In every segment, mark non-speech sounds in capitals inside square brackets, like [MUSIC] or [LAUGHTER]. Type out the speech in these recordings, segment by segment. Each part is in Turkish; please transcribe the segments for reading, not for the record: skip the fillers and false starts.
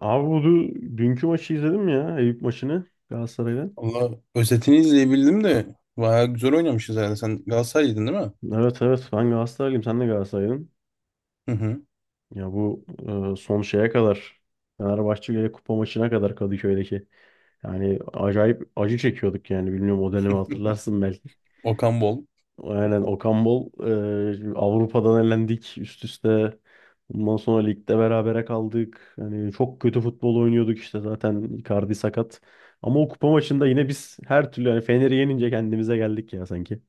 Abi bu dünkü maçı izledim ya. Eyüp maçını Galatasaray'la. Valla özetini izleyebildim de bayağı güzel oynamışız herhalde. Sen Galatasaraylıydın değil mi? Evet evet ben Galatasaraylıyım. Sen de Galatasaraylısın. Hı hı. Ya bu son şeye kadar Fenerbahçe ile kupa maçına kadar Kadıköy'deki. Yani acayip acı çekiyorduk yani. Bilmiyorum, o dönemi hatırlarsın belki. Okan Bol. Aynen, Okan Bol Avrupa'dan elendik üst üste. Bundan sonra ligde berabere kaldık. Yani çok kötü futbol oynuyorduk işte, zaten Icardi sakat. Ama o kupa maçında yine biz her türlü hani Fener'i yenince kendimize geldik ya sanki.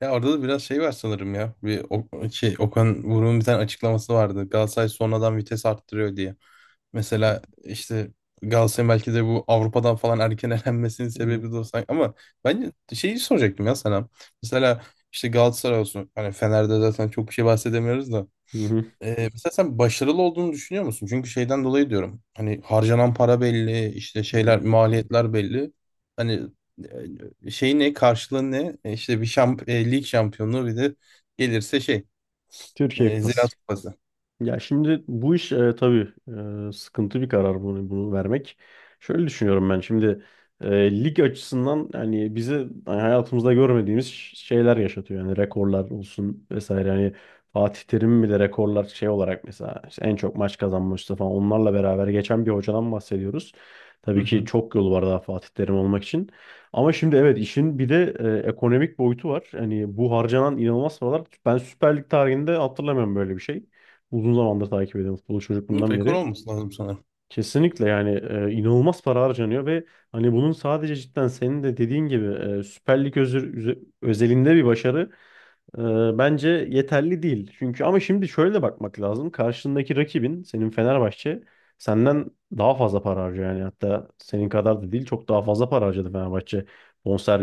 Ya orada da biraz şey var sanırım ya. Bir şey Okan Buruk'un bir tane açıklaması vardı. Galatasaray sonradan vites arttırıyor diye. Mesela işte Galatasaray belki de bu Avrupa'dan falan erken [LAUGHS] elenmesinin Hı hı, sebebi de o sanki. Ama ben şeyi soracaktım ya sana. Mesela işte Galatasaray olsun. Hani Fener'de zaten çok bir şey bahsedemiyoruz da. hı hı, Mesela sen başarılı olduğunu düşünüyor musun? Çünkü şeyden dolayı diyorum. Hani harcanan para belli, işte hı şeyler, hı. maliyetler belli. Hani şey ne, karşılığı ne? İşte bir lig şampiyonluğu, bir de gelirse şey, Türkiye Kupası. Ziraat Kupası. Ya şimdi bu iş tabii sıkıntı bir karar bunu vermek. Şöyle düşünüyorum ben şimdi, lig açısından yani bize hani hayatımızda görmediğimiz şeyler yaşatıyor. Yani rekorlar olsun vesaire. Yani Fatih Terim bile rekorlar şey olarak mesela işte en çok maç kazanmıştı falan, onlarla beraber geçen bir hocadan bahsediyoruz. Hı Tabii ki hı. çok yolu var daha Fatih Terim olmak için. Ama şimdi evet, işin bir de ekonomik boyutu var. Hani bu harcanan inanılmaz paralar. Ben Süper Lig tarihinde hatırlamıyorum böyle bir şey, uzun zamandır takip ediyorum futbolu Bu çocukluğumdan rekor beri. olması lazım sanırım. Kesinlikle yani, inanılmaz para harcanıyor ve hani bunun sadece cidden senin de dediğin gibi Süper Lig özelinde bir başarı e, bence yeterli değil. Çünkü ama şimdi şöyle de bakmak lazım. Karşındaki rakibin, senin Fenerbahçe senden daha fazla para harcıyor yani, hatta senin kadar da değil, çok daha fazla para harcadı Fenerbahçe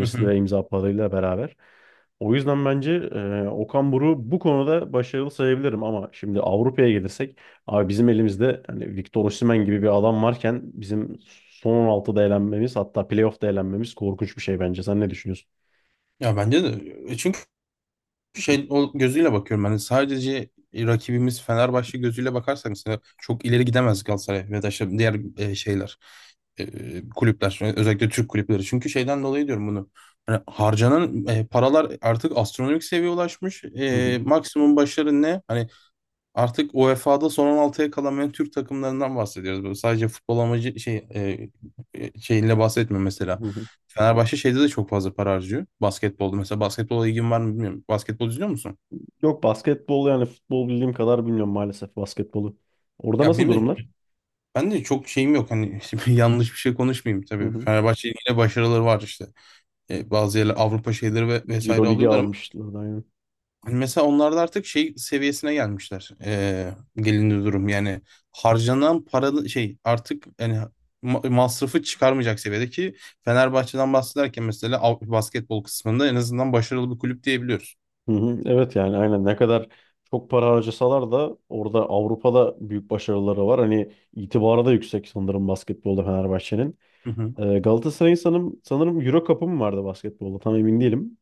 Hı hı. ve imza parayla beraber. O yüzden bence Okan Buruk'u bu konuda başarılı sayabilirim, ama şimdi Avrupa'ya gelirsek, abi bizim elimizde hani Victor Osimhen gibi bir adam varken bizim son 16'da elenmemiz, hatta playoff'ta elenmemiz korkunç bir şey bence. Sen ne düşünüyorsun? Ya bence de. Çünkü şey o gözüyle bakıyorum. Hani sadece rakibimiz Fenerbahçe gözüyle bakarsak mesela çok ileri gidemez Galatasaray ve da işte diğer şeyler, kulüpler, özellikle Türk kulüpleri. Çünkü şeyden dolayı diyorum bunu. Hani harcanan paralar artık astronomik seviyeye ulaşmış. Hı E, hı, maksimum başarı ne? Hani artık UEFA'da son on altıya kalan Türk takımlarından bahsediyoruz. Böyle sadece futbol amacı şey şeyinle bahsetmiyor mesela. hı hı, hı. Fenerbahçe şeyde de çok fazla para harcıyor. Basketbolda mesela, basketbola ilgin var mı bilmiyorum. Basketbol izliyor musun? Yok, basketbol yani futbol bildiğim kadar bilmiyorum maalesef, basketbolu. Orada Ya nasıl benim de durumlar? ben de çok şeyim yok hani [LAUGHS] şimdi yanlış bir şey konuşmayayım Hı tabii. hı. Fenerbahçe'nin yine başarıları var işte. Bazı yerler Avrupa şeyleri ve vesaire Euroleague'i alıyorlar. almışlar aynen. Hani mesela onlar da artık şey seviyesine gelmişler. Gelindi durum yani, harcanan para şey artık yani masrafı çıkarmayacak seviyede ki Fenerbahçe'den bahsederken mesela basketbol kısmında en azından başarılı bir kulüp diyebiliyoruz. Hı hı. Evet, yani aynen, ne kadar çok para harcasalar da orada Avrupa'da büyük başarıları var. Hani itibarı da yüksek sanırım basketbolda Fenerbahçe'nin. Hı hı. Galatasaray'ın sanırım, sanırım Euro Cup'ı mı vardı basketbolda, tam emin değilim.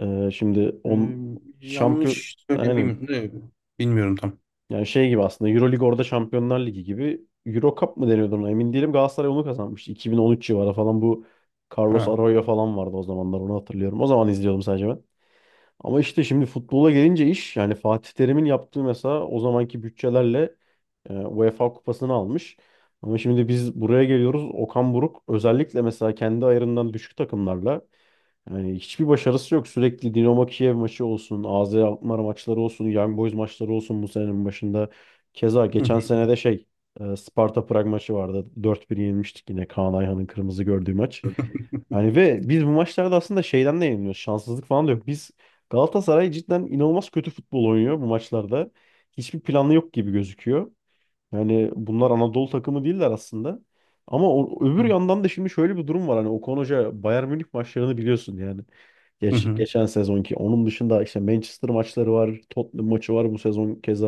Şimdi Ee, on şampiyon yanlış aynen, söylemeyeyim de bilmiyorum tam. yani şey gibi aslında Euroleague orada Şampiyonlar Ligi gibi, Euro Cup mı deniyordu ona emin değilim. Galatasaray onu kazanmıştı 2013 civarı falan, bu Carlos Ha. Arroyo falan vardı o zamanlar, onu hatırlıyorum. O zaman izliyordum sadece ben. Ama işte şimdi futbola gelince iş, yani Fatih Terim'in yaptığı mesela o zamanki bütçelerle UEFA kupasını almış. Ama şimdi biz buraya geliyoruz. Okan Buruk özellikle mesela kendi ayarından düşük takımlarla yani hiçbir başarısı yok. Sürekli Dinamo Kiev maçı olsun, AZ Alkmaar maçları olsun, Young Boys maçları olsun bu senenin başında. Keza Hı geçen hı. sene de şey, Sparta Prag maçı vardı. Dört 1 yenilmiştik yine, Kaan Ayhan'ın kırmızı gördüğü maç. [LAUGHS] Yani ve biz bu maçlarda aslında şeyden de yeniliyoruz. Şanssızlık falan da yok. Biz Galatasaray cidden inanılmaz kötü futbol oynuyor bu maçlarda. Hiçbir planı yok gibi gözüküyor. Yani bunlar Anadolu takımı değiller aslında. Ama öbür yandan da şimdi şöyle bir durum var. Hani Okan Hoca Bayern Münih maçlarını biliyorsun yani. Hı Geç, hı. geçen sezonki. Onun dışında işte Manchester maçları var. Tottenham maçı var bu sezon keza.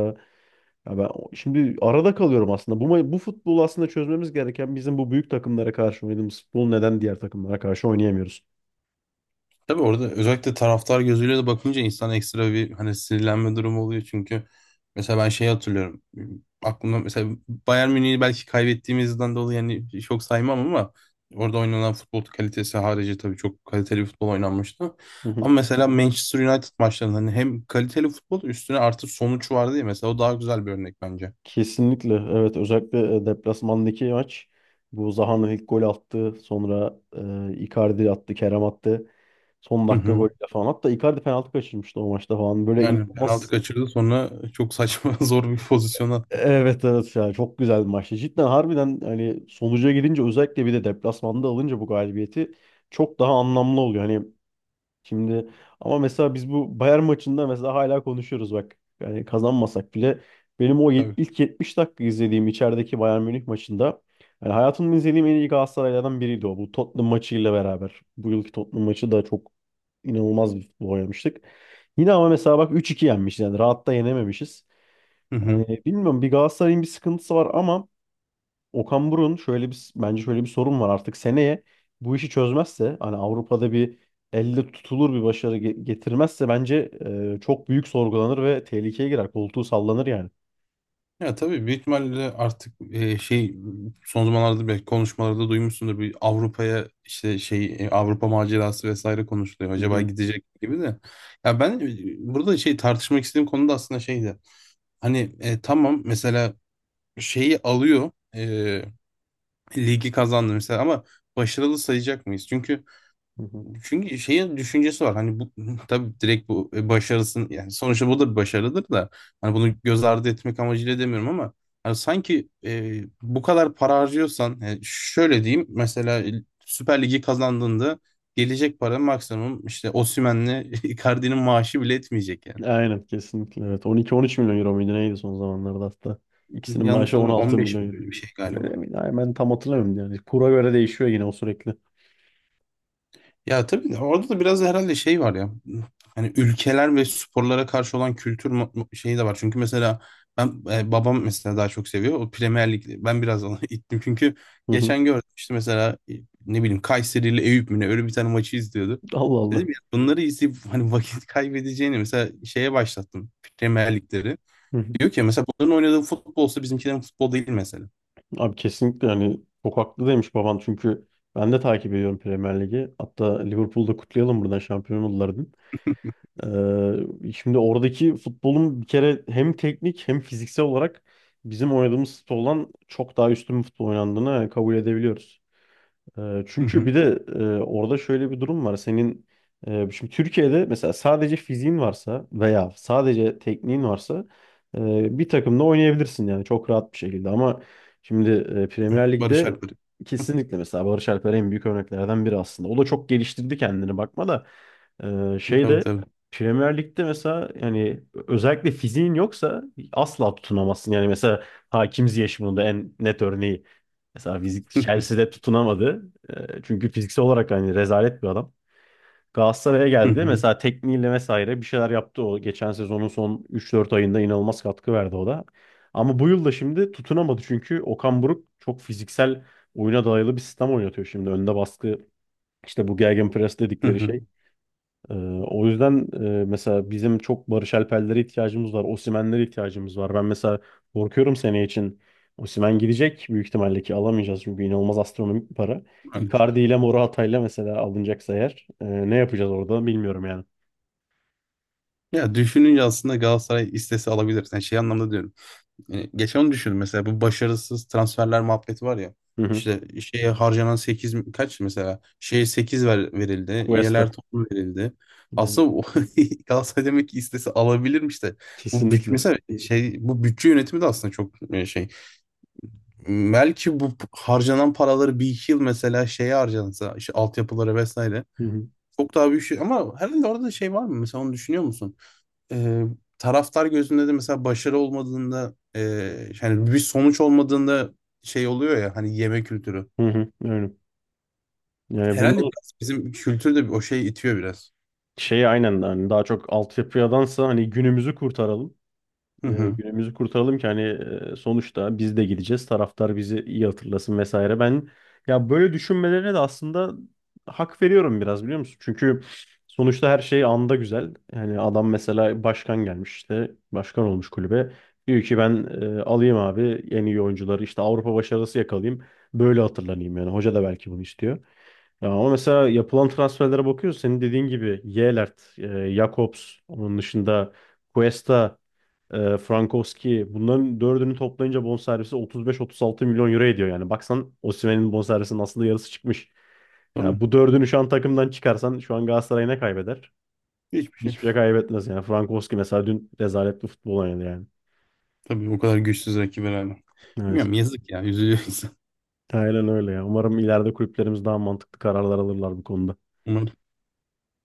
Ya ben şimdi arada kalıyorum aslında. Bu futbolu aslında çözmemiz gereken, bizim bu büyük takımlara karşı oynadığımız futbol neden diğer takımlara karşı oynayamıyoruz? Tabii orada özellikle taraftar gözüyle de bakınca insan ekstra bir hani sinirlenme durumu oluyor çünkü mesela ben şeyi hatırlıyorum aklımda. Mesela Bayern Münih'i belki kaybettiğimizden dolayı yani çok saymam ama orada oynanan futbol kalitesi harici tabii çok kaliteli bir futbol oynanmıştı. Ama [LAUGHS] mesela Manchester United maçlarında hani hem kaliteli futbol üstüne artı sonuç vardı ya, mesela o daha güzel bir örnek bence. Kesinlikle evet, özellikle deplasmandaki maç, bu Zaha'nın ilk golü attı, sonra Icardi attı, Kerem attı son Hı dakika hı. golüyle falan, hatta Icardi penaltı kaçırmıştı o maçta falan, böyle Yani penaltı inanılmaz. kaçırdı, sonra çok saçma [LAUGHS] zor bir pozisyon attı. Evet evet, ya çok güzel bir maçtı cidden harbiden, hani sonuca gidince özellikle, bir de deplasmanda alınca bu galibiyeti çok daha anlamlı oluyor hani. Şimdi ama mesela biz bu Bayern maçında mesela hala konuşuyoruz bak. Yani kazanmasak bile, benim o Tabii. ilk 70 dakika izlediğim içerideki Bayern Münih maçında yani hayatımda izlediğim en iyi Galatasaraylardan biriydi o. Bu Tottenham maçıyla beraber. Bu yılki Tottenham maçı da çok inanılmaz bir futbol oynamıştık. Yine ama mesela bak, 3-2 yenmiş yani rahat da yenememişiz. Hı hı. Yani bilmiyorum, bir Galatasaray'ın bir sıkıntısı var ama Okan Buruk'un şöyle bir, bence şöyle bir sorun var artık. Seneye bu işi çözmezse, hani Avrupa'da bir elle tutulur bir başarı getirmezse bence çok büyük sorgulanır ve tehlikeye girer. Koltuğu sallanır yani. Ya tabii, büyük ihtimalle artık şey son zamanlarda belki konuşmalarda duymuşsundur, bir Avrupa'ya işte şey Avrupa macerası vesaire konuşuluyor. Hı Acaba hı, gidecek gibi de. Ya ben burada şey tartışmak istediğim konu da aslında şeydi. Hani tamam, mesela şeyi alıyor, ligi kazandı mesela ama başarılı sayacak mıyız? Çünkü hı hı. çünkü şeyin düşüncesi var hani bu [LAUGHS] tabii direkt bu başarısın yani. Sonuçta bu da bir başarıdır da hani bunu göz ardı etmek amacıyla demiyorum ama hani sanki bu kadar para harcıyorsan şöyle diyeyim mesela, Süper Lig'i kazandığında gelecek para maksimum işte Osimhen'le [LAUGHS] Icardi'nin maaşı bile etmeyecek yani. Aynen, kesinlikle evet. 12-13 milyon euro muydu neydi son zamanlarda hatta. İkisinin Yanlış maaşı olur, 16 15 milyon euro. milyon bir şey galiba. Öyle miydi? Ay, ben tam hatırlamıyorum yani. Kura göre değişiyor yine o sürekli. Ya tabii de orada da biraz da herhalde şey var ya. Hani ülkeler ve sporlara karşı olan kültür şeyi de var. Çünkü mesela ben, babam mesela daha çok seviyor. O Premier Lig'i ben biraz ona [LAUGHS] ittim. Çünkü Hı hı. geçen gördüm işte, mesela ne bileyim, Kayseri ile Eyüp mü ne, öyle bir tane maçı izliyordu. Allah Allah. Dedim ya bunları izleyip hani vakit [LAUGHS] kaybedeceğini, mesela şeye başlattım Premier Lig'leri. Hı hı. Diyor ki mesela bunların oynadığı futbol olsa bizimkilerin futbol değil mesela. Abi kesinlikle, yani çok haklı demiş baban, çünkü ben de takip ediyorum Premier Ligi. Hatta Liverpool'da, kutlayalım buradan, şampiyon oldular dün. Şimdi oradaki futbolun bir kere hem teknik hem fiziksel olarak bizim oynadığımız futboldan çok daha üstün bir futbol oynandığını yani kabul edebiliyoruz. Hı Çünkü bir hı. de orada şöyle bir durum var. Senin şimdi Türkiye'de mesela sadece fiziğin varsa veya sadece tekniğin varsa bir takımda oynayabilirsin yani çok rahat bir şekilde. Ama şimdi Premier Barış Lig'de Alper. kesinlikle mesela Barış Alper en büyük örneklerden biri aslında. O da çok geliştirdi kendini, bakma da Tabii şeyde, tabii. Premier Lig'de mesela yani özellikle fiziğin yoksa asla tutunamazsın. Yani mesela Hakim Ziyech bunun da en net örneği. Mesela fizik [LAUGHS] Chelsea'de tutunamadı. Çünkü fiziksel olarak hani rezalet bir adam. Galatasaray'a Hı geldi. hı. Mesela tekniğiyle vesaire bir şeyler yaptı o. Geçen sezonun son üç dört ayında inanılmaz katkı verdi o da. Ama bu yıl da şimdi tutunamadı çünkü Okan Buruk çok fiziksel oyuna dayalı bir sistem oynatıyor şimdi. Önde baskı, işte bu gegenpress dedikleri şey. Hı Ee, o yüzden mesela bizim çok Barış Alper'lere ihtiyacımız var. Osimhen'lere ihtiyacımız var. Ben mesela korkuyorum seneye için. Osimhen gidecek büyük ihtimalle ki alamayacağız, çünkü inanılmaz astronomik bir para. hı. Icardi ile Morata ile mesela alınacaksa eğer, ne yapacağız orada bilmiyorum yani. Ya düşününce aslında Galatasaray istese alabilir. Yani şey anlamda diyorum. Yani geçen onu düşündüm mesela, bu başarısız transferler muhabbeti var ya. Hı hı. İşte şeye harcanan 8 mi- kaç mesela? Şeye 8 ver, verildi. Yeler Cuesta. toplu verildi. Yani Aslında [LAUGHS] Galatasaray demek ki istese alabilirmiş de. Bu kesinlikle. mesela şey, bu bütçe yönetimi de aslında çok şey. Belki bu harcanan paraları bir iki yıl mesela şeye harcansa, işte altyapılara vesaire. Hı hı. Çok daha büyük şey, ama herhalde orada şey var mı? Mesela onu düşünüyor musun? e, Taraftar gözünde de mesela başarı olmadığında, yani bir sonuç olmadığında şey oluyor ya, hani yeme kültürü. Hı hı. Öyle. Yani Herhalde bunu biraz bizim kültür de o şey itiyor biraz. şey aynen, hani daha çok altyapıdansa hani günümüzü kurtaralım. Hı e, hı. günümüzü kurtaralım ki hani Sonuçta biz de gideceğiz. Taraftar bizi iyi hatırlasın vesaire. Ben ya böyle düşünmelerine de aslında hak veriyorum biraz, biliyor musun? Çünkü sonuçta her şey anda güzel. Yani adam mesela başkan gelmiş işte, başkan olmuş kulübe. Diyor ki, ben alayım abi en iyi oyuncuları, işte Avrupa başarısı yakalayayım. Böyle hatırlanayım yani. Hoca da belki bunu istiyor. Ya ama mesela yapılan transferlere bakıyoruz. Senin dediğin gibi Yelert, Jakobs, onun dışında Cuesta, Frankowski, bunların dördünü toplayınca bonservisi 35-36 milyon euro ediyor. Yani baksan Osimhen'in bonservisinin aslında yarısı çıkmış. Tabii. Yani bu dördünü şu an takımdan çıkarsan şu an Galatasaray ne kaybeder? Hiçbir şey. Hiçbir şey kaybetmez yani. Frankowski mesela dün rezalet bir futbol oynadı yani. Tabii o kadar güçsüz rakip herhalde. Evet. Bilmiyorum, yazık ya, üzülüyor [LAUGHS] insan. Aynen öyle ya. Umarım ileride kulüplerimiz daha mantıklı kararlar alırlar bu konuda. Umarım